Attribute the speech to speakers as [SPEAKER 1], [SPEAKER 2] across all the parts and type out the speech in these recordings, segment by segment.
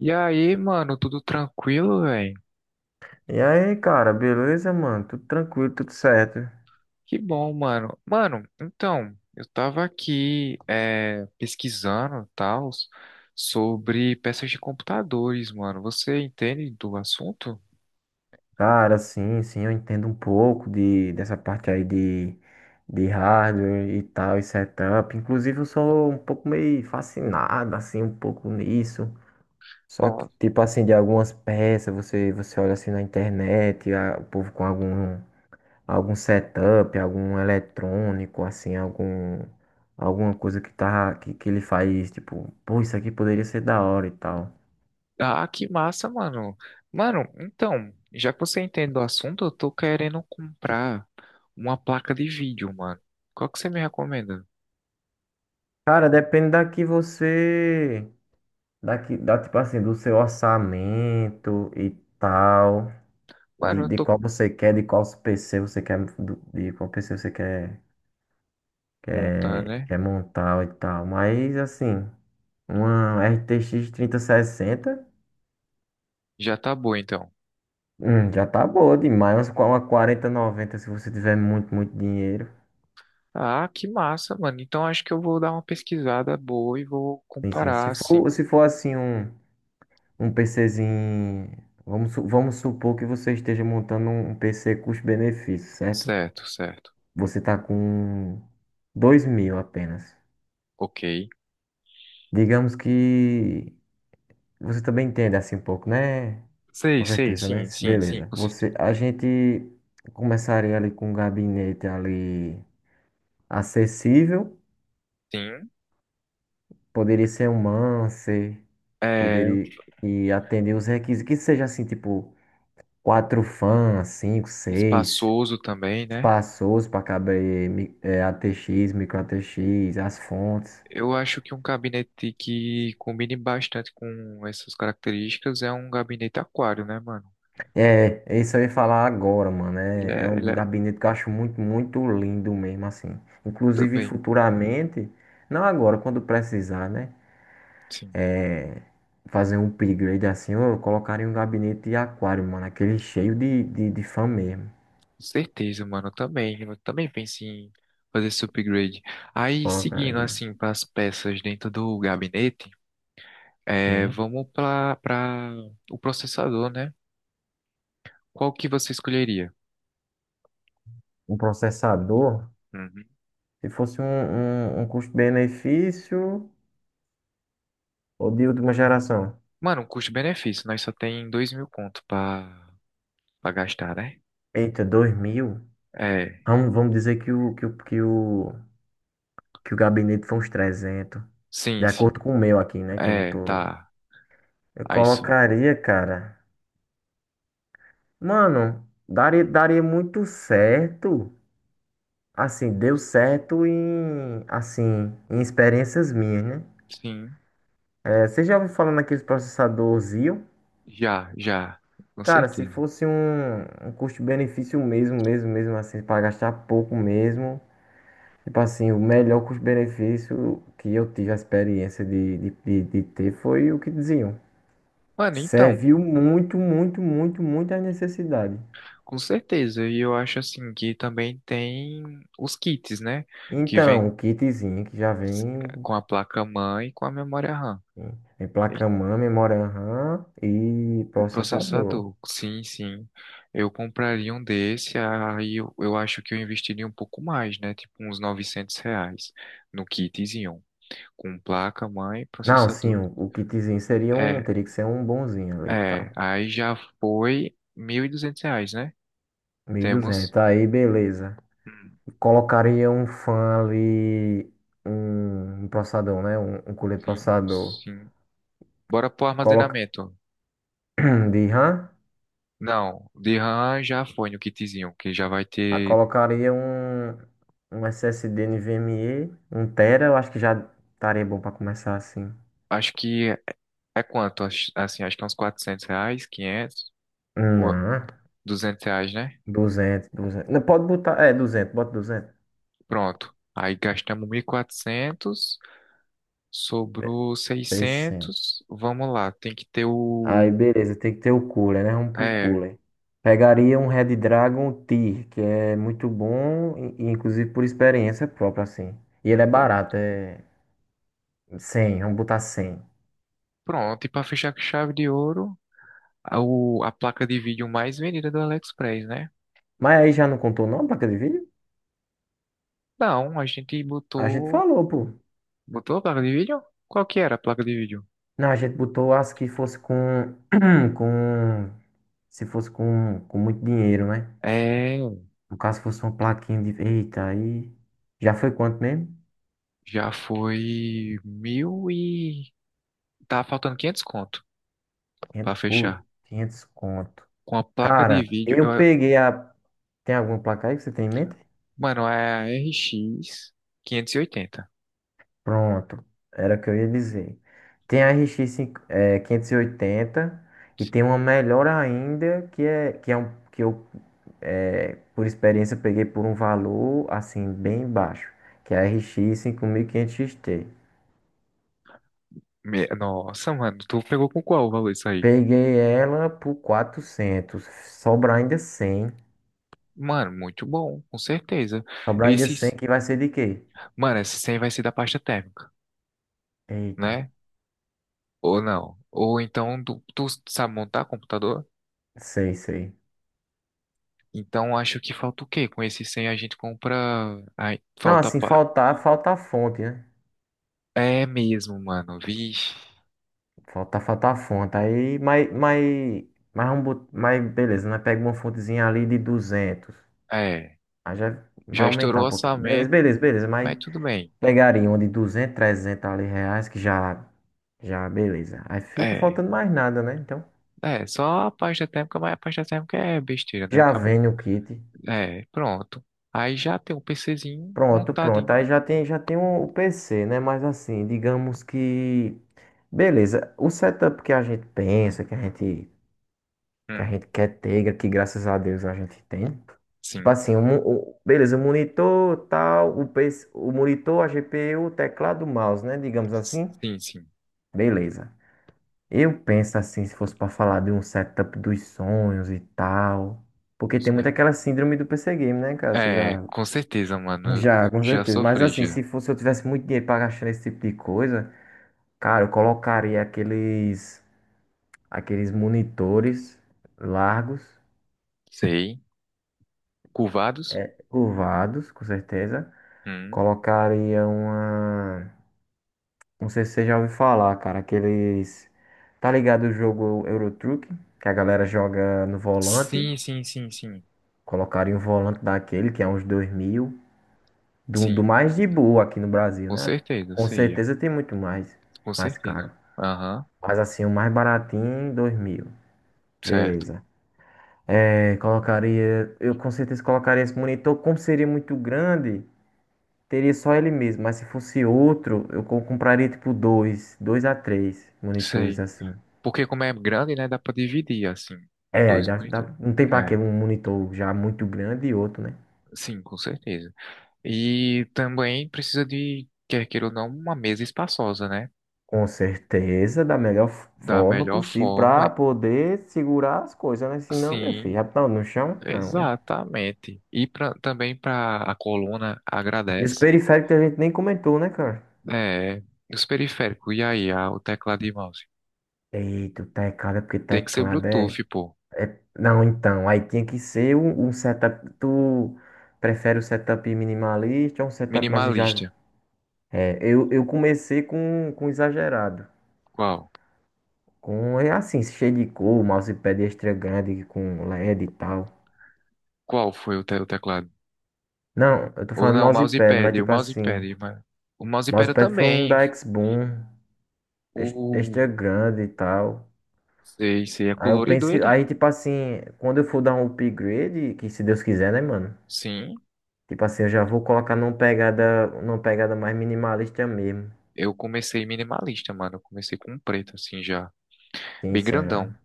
[SPEAKER 1] E aí, mano, tudo tranquilo, velho?
[SPEAKER 2] E aí, cara, beleza, mano? Tudo tranquilo, tudo certo.
[SPEAKER 1] Que bom, mano. Mano, então, eu tava aqui pesquisando tal sobre peças de computadores, mano. Você entende do assunto?
[SPEAKER 2] Cara, sim, sim, eu entendo um pouco dessa parte aí de hardware e tal, e setup. Inclusive, eu sou um pouco meio fascinado, assim, um pouco nisso. Só que,
[SPEAKER 1] Nossa.
[SPEAKER 2] tipo assim, de algumas peças, você olha assim na internet, o povo com algum setup, algum eletrônico, assim, alguma coisa que, tá, que ele faz, tipo, pô, isso aqui poderia ser da hora e tal.
[SPEAKER 1] Ah, que massa, mano. Mano, então, já que você entende do assunto, eu tô querendo comprar uma placa de vídeo, mano. Qual que você me recomenda?
[SPEAKER 2] Cara, depende da que você. Daqui, tipo assim, do seu orçamento e tal.
[SPEAKER 1] Mano,
[SPEAKER 2] De,
[SPEAKER 1] eu
[SPEAKER 2] de
[SPEAKER 1] tô
[SPEAKER 2] qual você quer, de qual PC você quer. De qual PC você
[SPEAKER 1] montar, né?
[SPEAKER 2] quer montar e tal. Mas, assim, uma RTX 3060
[SPEAKER 1] Já tá bom, então.
[SPEAKER 2] já tá boa demais. Mas com uma 4090 se você tiver muito, muito dinheiro.
[SPEAKER 1] Ah, que massa, mano. Então acho que eu vou dar uma pesquisada boa e vou
[SPEAKER 2] Sim, sim.
[SPEAKER 1] comparar,
[SPEAKER 2] Se for,
[SPEAKER 1] assim.
[SPEAKER 2] se for assim, Um PCzinho. Vamos supor que você esteja montando um PC custo-benefício, certo?
[SPEAKER 1] Certo, certo.
[SPEAKER 2] Você está com 2 mil apenas.
[SPEAKER 1] Ok.
[SPEAKER 2] Digamos que você também entende assim um pouco, né?
[SPEAKER 1] Sei,
[SPEAKER 2] Com
[SPEAKER 1] sei,
[SPEAKER 2] certeza, né?
[SPEAKER 1] sim, sim, sim,
[SPEAKER 2] Beleza.
[SPEAKER 1] com certeza.
[SPEAKER 2] A gente começaria ali com um gabinete ali acessível.
[SPEAKER 1] Sim.
[SPEAKER 2] Poderia ser um Mancer,
[SPEAKER 1] É
[SPEAKER 2] poderia e atender os requisitos, que seja assim, tipo, quatro fãs, cinco, seis.
[SPEAKER 1] espaçoso também, né?
[SPEAKER 2] Espaçoso para caber ATX, micro ATX, as fontes.
[SPEAKER 1] Eu acho que um gabinete que combine bastante com essas características é um gabinete aquário, né, mano?
[SPEAKER 2] É, isso eu ia falar agora, mano.
[SPEAKER 1] Ele
[SPEAKER 2] É,
[SPEAKER 1] é,
[SPEAKER 2] é um
[SPEAKER 1] ele
[SPEAKER 2] do
[SPEAKER 1] é
[SPEAKER 2] gabinete que eu acho muito, muito lindo mesmo, assim. Inclusive,
[SPEAKER 1] também,
[SPEAKER 2] futuramente, não agora, quando precisar, né?
[SPEAKER 1] sim.
[SPEAKER 2] É, Fazer um upgrade assim, eu colocaria um gabinete de aquário, mano. Aquele cheio de fã mesmo.
[SPEAKER 1] Com certeza, mano. Eu também pensei em fazer esse upgrade. Aí, seguindo,
[SPEAKER 2] Colocaria.
[SPEAKER 1] assim, para as peças dentro do gabinete. É,
[SPEAKER 2] Sim.
[SPEAKER 1] vamos para o processador, né? Qual que você escolheria?
[SPEAKER 2] Um processador.
[SPEAKER 1] Uhum.
[SPEAKER 2] Se fosse um custo-benefício ou de última geração?
[SPEAKER 1] Mano, um custo-benefício, nós só tem 2000 conto pra para gastar, né?
[SPEAKER 2] Eita, 2000?
[SPEAKER 1] É,
[SPEAKER 2] Vamos dizer que o gabinete foi uns 300. De
[SPEAKER 1] sim, sim.
[SPEAKER 2] acordo com o meu aqui, né? Que eu
[SPEAKER 1] É,
[SPEAKER 2] tô.
[SPEAKER 1] tá.
[SPEAKER 2] Eu
[SPEAKER 1] Aí só.
[SPEAKER 2] colocaria, cara. Mano, daria muito certo. Assim, deu certo em. Assim, em experiências minhas, né?
[SPEAKER 1] Sim,
[SPEAKER 2] É, você já ouviu falando aqui do processador Xeon?
[SPEAKER 1] já, já. Com
[SPEAKER 2] Cara, se
[SPEAKER 1] certeza.
[SPEAKER 2] fosse um custo-benefício mesmo, mesmo, mesmo assim, pra gastar pouco mesmo. Tipo assim, o melhor custo-benefício que eu tive a experiência de ter foi o que diziam.
[SPEAKER 1] Mano, então,
[SPEAKER 2] Serviu muito, muito, muito, muito à necessidade.
[SPEAKER 1] com certeza. E eu acho assim que também tem os kits, né? Que vem
[SPEAKER 2] Então, o kitzinho que já vem
[SPEAKER 1] com a placa-mãe e com a memória RAM.
[SPEAKER 2] em placa-mãe, memória RAM e
[SPEAKER 1] O
[SPEAKER 2] processador.
[SPEAKER 1] processador, sim, sim. Eu compraria um desse, aí eu acho que eu investiria um pouco mais, né? Tipo uns 900 reais no kitzinho, com placa, mãe,
[SPEAKER 2] Não, sim,
[SPEAKER 1] processador.
[SPEAKER 2] o kitzinho seria um,
[SPEAKER 1] É,
[SPEAKER 2] teria que ser um bonzinho ali e tal.
[SPEAKER 1] é, aí já foi 1200 reais, né? Temos.
[SPEAKER 2] 1.200, aí beleza.
[SPEAKER 1] Hum,
[SPEAKER 2] Colocaria um fã ali, um processador, né? Um cooler
[SPEAKER 1] Sim,
[SPEAKER 2] processador.
[SPEAKER 1] sim. Bora pro
[SPEAKER 2] Coloca
[SPEAKER 1] armazenamento.
[SPEAKER 2] de RAM.
[SPEAKER 1] Não, de RAM já foi no kitzinho, que já vai
[SPEAKER 2] Ah,
[SPEAKER 1] ter.
[SPEAKER 2] colocaria um SSD NVMe, um tera, eu acho que já estaria bom para começar assim.
[SPEAKER 1] Acho que é quanto? Assim, acho que é uns 400 reais, 500 ou
[SPEAKER 2] Não,
[SPEAKER 1] 200 reais, né?
[SPEAKER 2] 200, 200. Não, pode botar, 200. Bota 200.
[SPEAKER 1] Pronto. Aí gastamos 1400,
[SPEAKER 2] Be-
[SPEAKER 1] sobrou
[SPEAKER 2] 300.
[SPEAKER 1] 600. Vamos lá, tem que ter
[SPEAKER 2] Aí,
[SPEAKER 1] o.
[SPEAKER 2] beleza, tem que ter o cooler, né? Vamos pro
[SPEAKER 1] É,
[SPEAKER 2] cooler. Pegaria um Red Dragon Tier, que é muito bom, e inclusive por experiência própria, assim. E ele é
[SPEAKER 1] pronto.
[SPEAKER 2] barato, é 100. Vamos botar 100.
[SPEAKER 1] Pronto, e para fechar com chave de ouro, a placa de vídeo mais vendida do AliExpress, né?
[SPEAKER 2] Mas aí já não contou não, placa de vídeo?
[SPEAKER 1] Não, a gente
[SPEAKER 2] A gente
[SPEAKER 1] botou.
[SPEAKER 2] falou, pô.
[SPEAKER 1] Botou a placa de vídeo? Qual que era a placa de vídeo?
[SPEAKER 2] Não, a gente botou as que fosse com, com, se fosse com muito dinheiro, né?
[SPEAKER 1] É,
[SPEAKER 2] No caso, fosse uma plaquinha de, eita, aí, já foi quanto mesmo?
[SPEAKER 1] já foi mil e. Tá faltando 500 conto pra
[SPEAKER 2] 500,
[SPEAKER 1] fechar.
[SPEAKER 2] pô, 500 conto.
[SPEAKER 1] Com a placa de
[SPEAKER 2] Cara,
[SPEAKER 1] vídeo,
[SPEAKER 2] tem alguma placa aí que você tem em mente?
[SPEAKER 1] mano, é a R X 580.
[SPEAKER 2] Pronto, era o que eu ia dizer. Tem a RX 580 e oitenta e tem uma melhor ainda, que é um, que eu. É, por experiência, eu peguei por um valor assim bem baixo, que é a RX 5500 XT.
[SPEAKER 1] Nossa, mano, tu pegou com qual o valor isso aí?
[SPEAKER 2] Peguei ela por 400, sobrar ainda 100.
[SPEAKER 1] Mano, muito bom, com certeza.
[SPEAKER 2] Sobrar ainda 100
[SPEAKER 1] Esses,
[SPEAKER 2] que vai ser de quê?
[SPEAKER 1] mano, esse 100 vai ser da pasta térmica,
[SPEAKER 2] Eita,
[SPEAKER 1] né? Ou não? Ou então tu sabe montar computador?
[SPEAKER 2] sei, sei.
[SPEAKER 1] Então acho que falta o quê? Com esse 100 a gente compra. Ai,
[SPEAKER 2] Não,
[SPEAKER 1] falta.
[SPEAKER 2] assim,
[SPEAKER 1] pa-
[SPEAKER 2] falta a fonte, né?
[SPEAKER 1] É mesmo, mano. Vixe.
[SPEAKER 2] Falta a fonte. Aí, mas beleza, nós pega uma fontezinha ali de 200.
[SPEAKER 1] É.
[SPEAKER 2] Aí já vai
[SPEAKER 1] Já
[SPEAKER 2] aumentar
[SPEAKER 1] estourou o
[SPEAKER 2] um pouquinho. Beleza,
[SPEAKER 1] orçamento,
[SPEAKER 2] beleza, beleza, mas
[SPEAKER 1] mas tudo bem.
[SPEAKER 2] pegaria uma de 200, 300 ali reais, que já, beleza. Aí fica
[SPEAKER 1] É.
[SPEAKER 2] faltando mais nada, né? Então,
[SPEAKER 1] É, só a pasta térmica, mas a pasta térmica é besteira, né?
[SPEAKER 2] já
[SPEAKER 1] Acabou.
[SPEAKER 2] vem o kit.
[SPEAKER 1] É, pronto. Aí já tem um PCzinho
[SPEAKER 2] Pronto,
[SPEAKER 1] montado.
[SPEAKER 2] pronto. Aí já tem, o PC, né? Mas assim, digamos que. Beleza. O setup que a gente pensa, que a gente, que a
[SPEAKER 1] Hum,
[SPEAKER 2] gente quer ter, que graças a Deus a gente tem. Tipo
[SPEAKER 1] sim.
[SPEAKER 2] assim, beleza, o monitor, tal, o, PC, o monitor, a GPU, o teclado, o mouse, né? Digamos assim.
[SPEAKER 1] Sim, sim.
[SPEAKER 2] Beleza. Eu penso assim, se fosse pra falar de um setup dos sonhos e tal. Porque tem muito
[SPEAKER 1] Certo.
[SPEAKER 2] aquela síndrome do PC Game, né, cara? Você
[SPEAKER 1] É,
[SPEAKER 2] já.
[SPEAKER 1] com certeza, mano. Eu
[SPEAKER 2] Já, com
[SPEAKER 1] já
[SPEAKER 2] certeza. Mas
[SPEAKER 1] sofri,
[SPEAKER 2] assim,
[SPEAKER 1] já.
[SPEAKER 2] se fosse eu tivesse muito dinheiro pra gastar nesse tipo de coisa, cara, eu colocaria aqueles. Aqueles monitores largos,
[SPEAKER 1] Sei. Curvados?
[SPEAKER 2] é, curvados, com certeza.
[SPEAKER 1] Hum.
[SPEAKER 2] Colocaria uma. Não sei se você já ouviu falar, cara, aqueles. Tá ligado o jogo Euro Truck, que a galera joga no volante?
[SPEAKER 1] Sim, sim, sim, sim.
[SPEAKER 2] Colocaram um volante daquele, que é uns 2 mil, do
[SPEAKER 1] Sim,
[SPEAKER 2] mais de boa aqui no Brasil,
[SPEAKER 1] com
[SPEAKER 2] né?
[SPEAKER 1] certeza,
[SPEAKER 2] Com
[SPEAKER 1] sei. É.
[SPEAKER 2] certeza tem muito mais,
[SPEAKER 1] Com
[SPEAKER 2] mais
[SPEAKER 1] certeza.
[SPEAKER 2] caro.
[SPEAKER 1] Aham,
[SPEAKER 2] Mas assim, o mais baratinho, 2 mil.
[SPEAKER 1] certo.
[SPEAKER 2] Beleza. É, eu com certeza colocaria esse monitor, como seria muito grande, teria só ele mesmo. Mas se fosse outro, eu compraria tipo dois a três monitores
[SPEAKER 1] Sei.
[SPEAKER 2] assim.
[SPEAKER 1] Porque como é grande, né, dá pra dividir, assim,
[SPEAKER 2] É, aí
[SPEAKER 1] dois monitores.
[SPEAKER 2] não tem pra que
[SPEAKER 1] É,
[SPEAKER 2] um monitor já muito grande e outro, né?
[SPEAKER 1] sim, com certeza. E também precisa de, quer queira ou não, uma mesa espaçosa, né?
[SPEAKER 2] Com certeza, da melhor
[SPEAKER 1] Da
[SPEAKER 2] forma
[SPEAKER 1] melhor
[SPEAKER 2] possível,
[SPEAKER 1] forma.
[SPEAKER 2] para poder segurar as coisas, né? Senão, meu
[SPEAKER 1] Sim.
[SPEAKER 2] filho, já tá no chão? Não, né?
[SPEAKER 1] Exatamente. E pra, também para a coluna
[SPEAKER 2] E os
[SPEAKER 1] agradece,
[SPEAKER 2] periféricos a gente nem comentou, né, cara?
[SPEAKER 1] é, os periféricos, e aí, o teclado e mouse.
[SPEAKER 2] Eita, o teclado é porque
[SPEAKER 1] Tem que ser
[SPEAKER 2] teclado é.
[SPEAKER 1] Bluetooth, pô.
[SPEAKER 2] Não, então, aí tinha que ser um setup. Tu prefere o setup minimalista ou um setup mais já.
[SPEAKER 1] Minimalista.
[SPEAKER 2] É, eu comecei com exagerado.
[SPEAKER 1] Qual?
[SPEAKER 2] Com, é assim, cheio de cor, mousepad extra grande com LED e D e tal.
[SPEAKER 1] Qual foi o, o teclado?
[SPEAKER 2] Não, eu tô
[SPEAKER 1] Ou
[SPEAKER 2] falando
[SPEAKER 1] não,
[SPEAKER 2] mousepad, mas
[SPEAKER 1] o
[SPEAKER 2] tipo assim.
[SPEAKER 1] mousepad, mas o mousepad eu
[SPEAKER 2] Mousepad foi um
[SPEAKER 1] também.
[SPEAKER 2] da X-Boom,
[SPEAKER 1] O
[SPEAKER 2] extra grande e tal.
[SPEAKER 1] sei, sei, é
[SPEAKER 2] Aí eu
[SPEAKER 1] colorido
[SPEAKER 2] pensei,
[SPEAKER 1] ele?
[SPEAKER 2] aí tipo assim, quando eu for dar um upgrade, que se Deus quiser, né, mano?
[SPEAKER 1] Sim,
[SPEAKER 2] Tipo assim, eu já vou colocar numa pegada mais minimalista mesmo.
[SPEAKER 1] eu comecei minimalista, mano. Eu comecei com um preto assim já,
[SPEAKER 2] Sim,
[SPEAKER 1] bem
[SPEAKER 2] sim, eu
[SPEAKER 1] grandão.
[SPEAKER 2] já.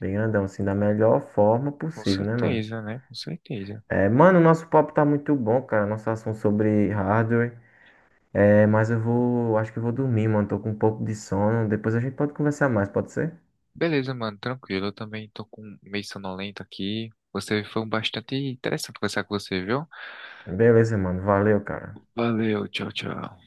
[SPEAKER 2] Bem grandão, assim, da melhor forma
[SPEAKER 1] Com
[SPEAKER 2] possível, né, mano?
[SPEAKER 1] certeza, né? Com certeza.
[SPEAKER 2] É, mano, o nosso papo tá muito bom, cara. Nosso assunto sobre hardware. É, mas acho que eu vou dormir, mano. Tô com um pouco de sono. Depois a gente pode conversar mais, pode ser?
[SPEAKER 1] Beleza, mano, tranquilo. Eu também tô com meio sonolento aqui. Você foi um bastante interessante conversar com você, viu?
[SPEAKER 2] Beleza, mano. Valeu, cara.
[SPEAKER 1] Valeu, tchau, tchau.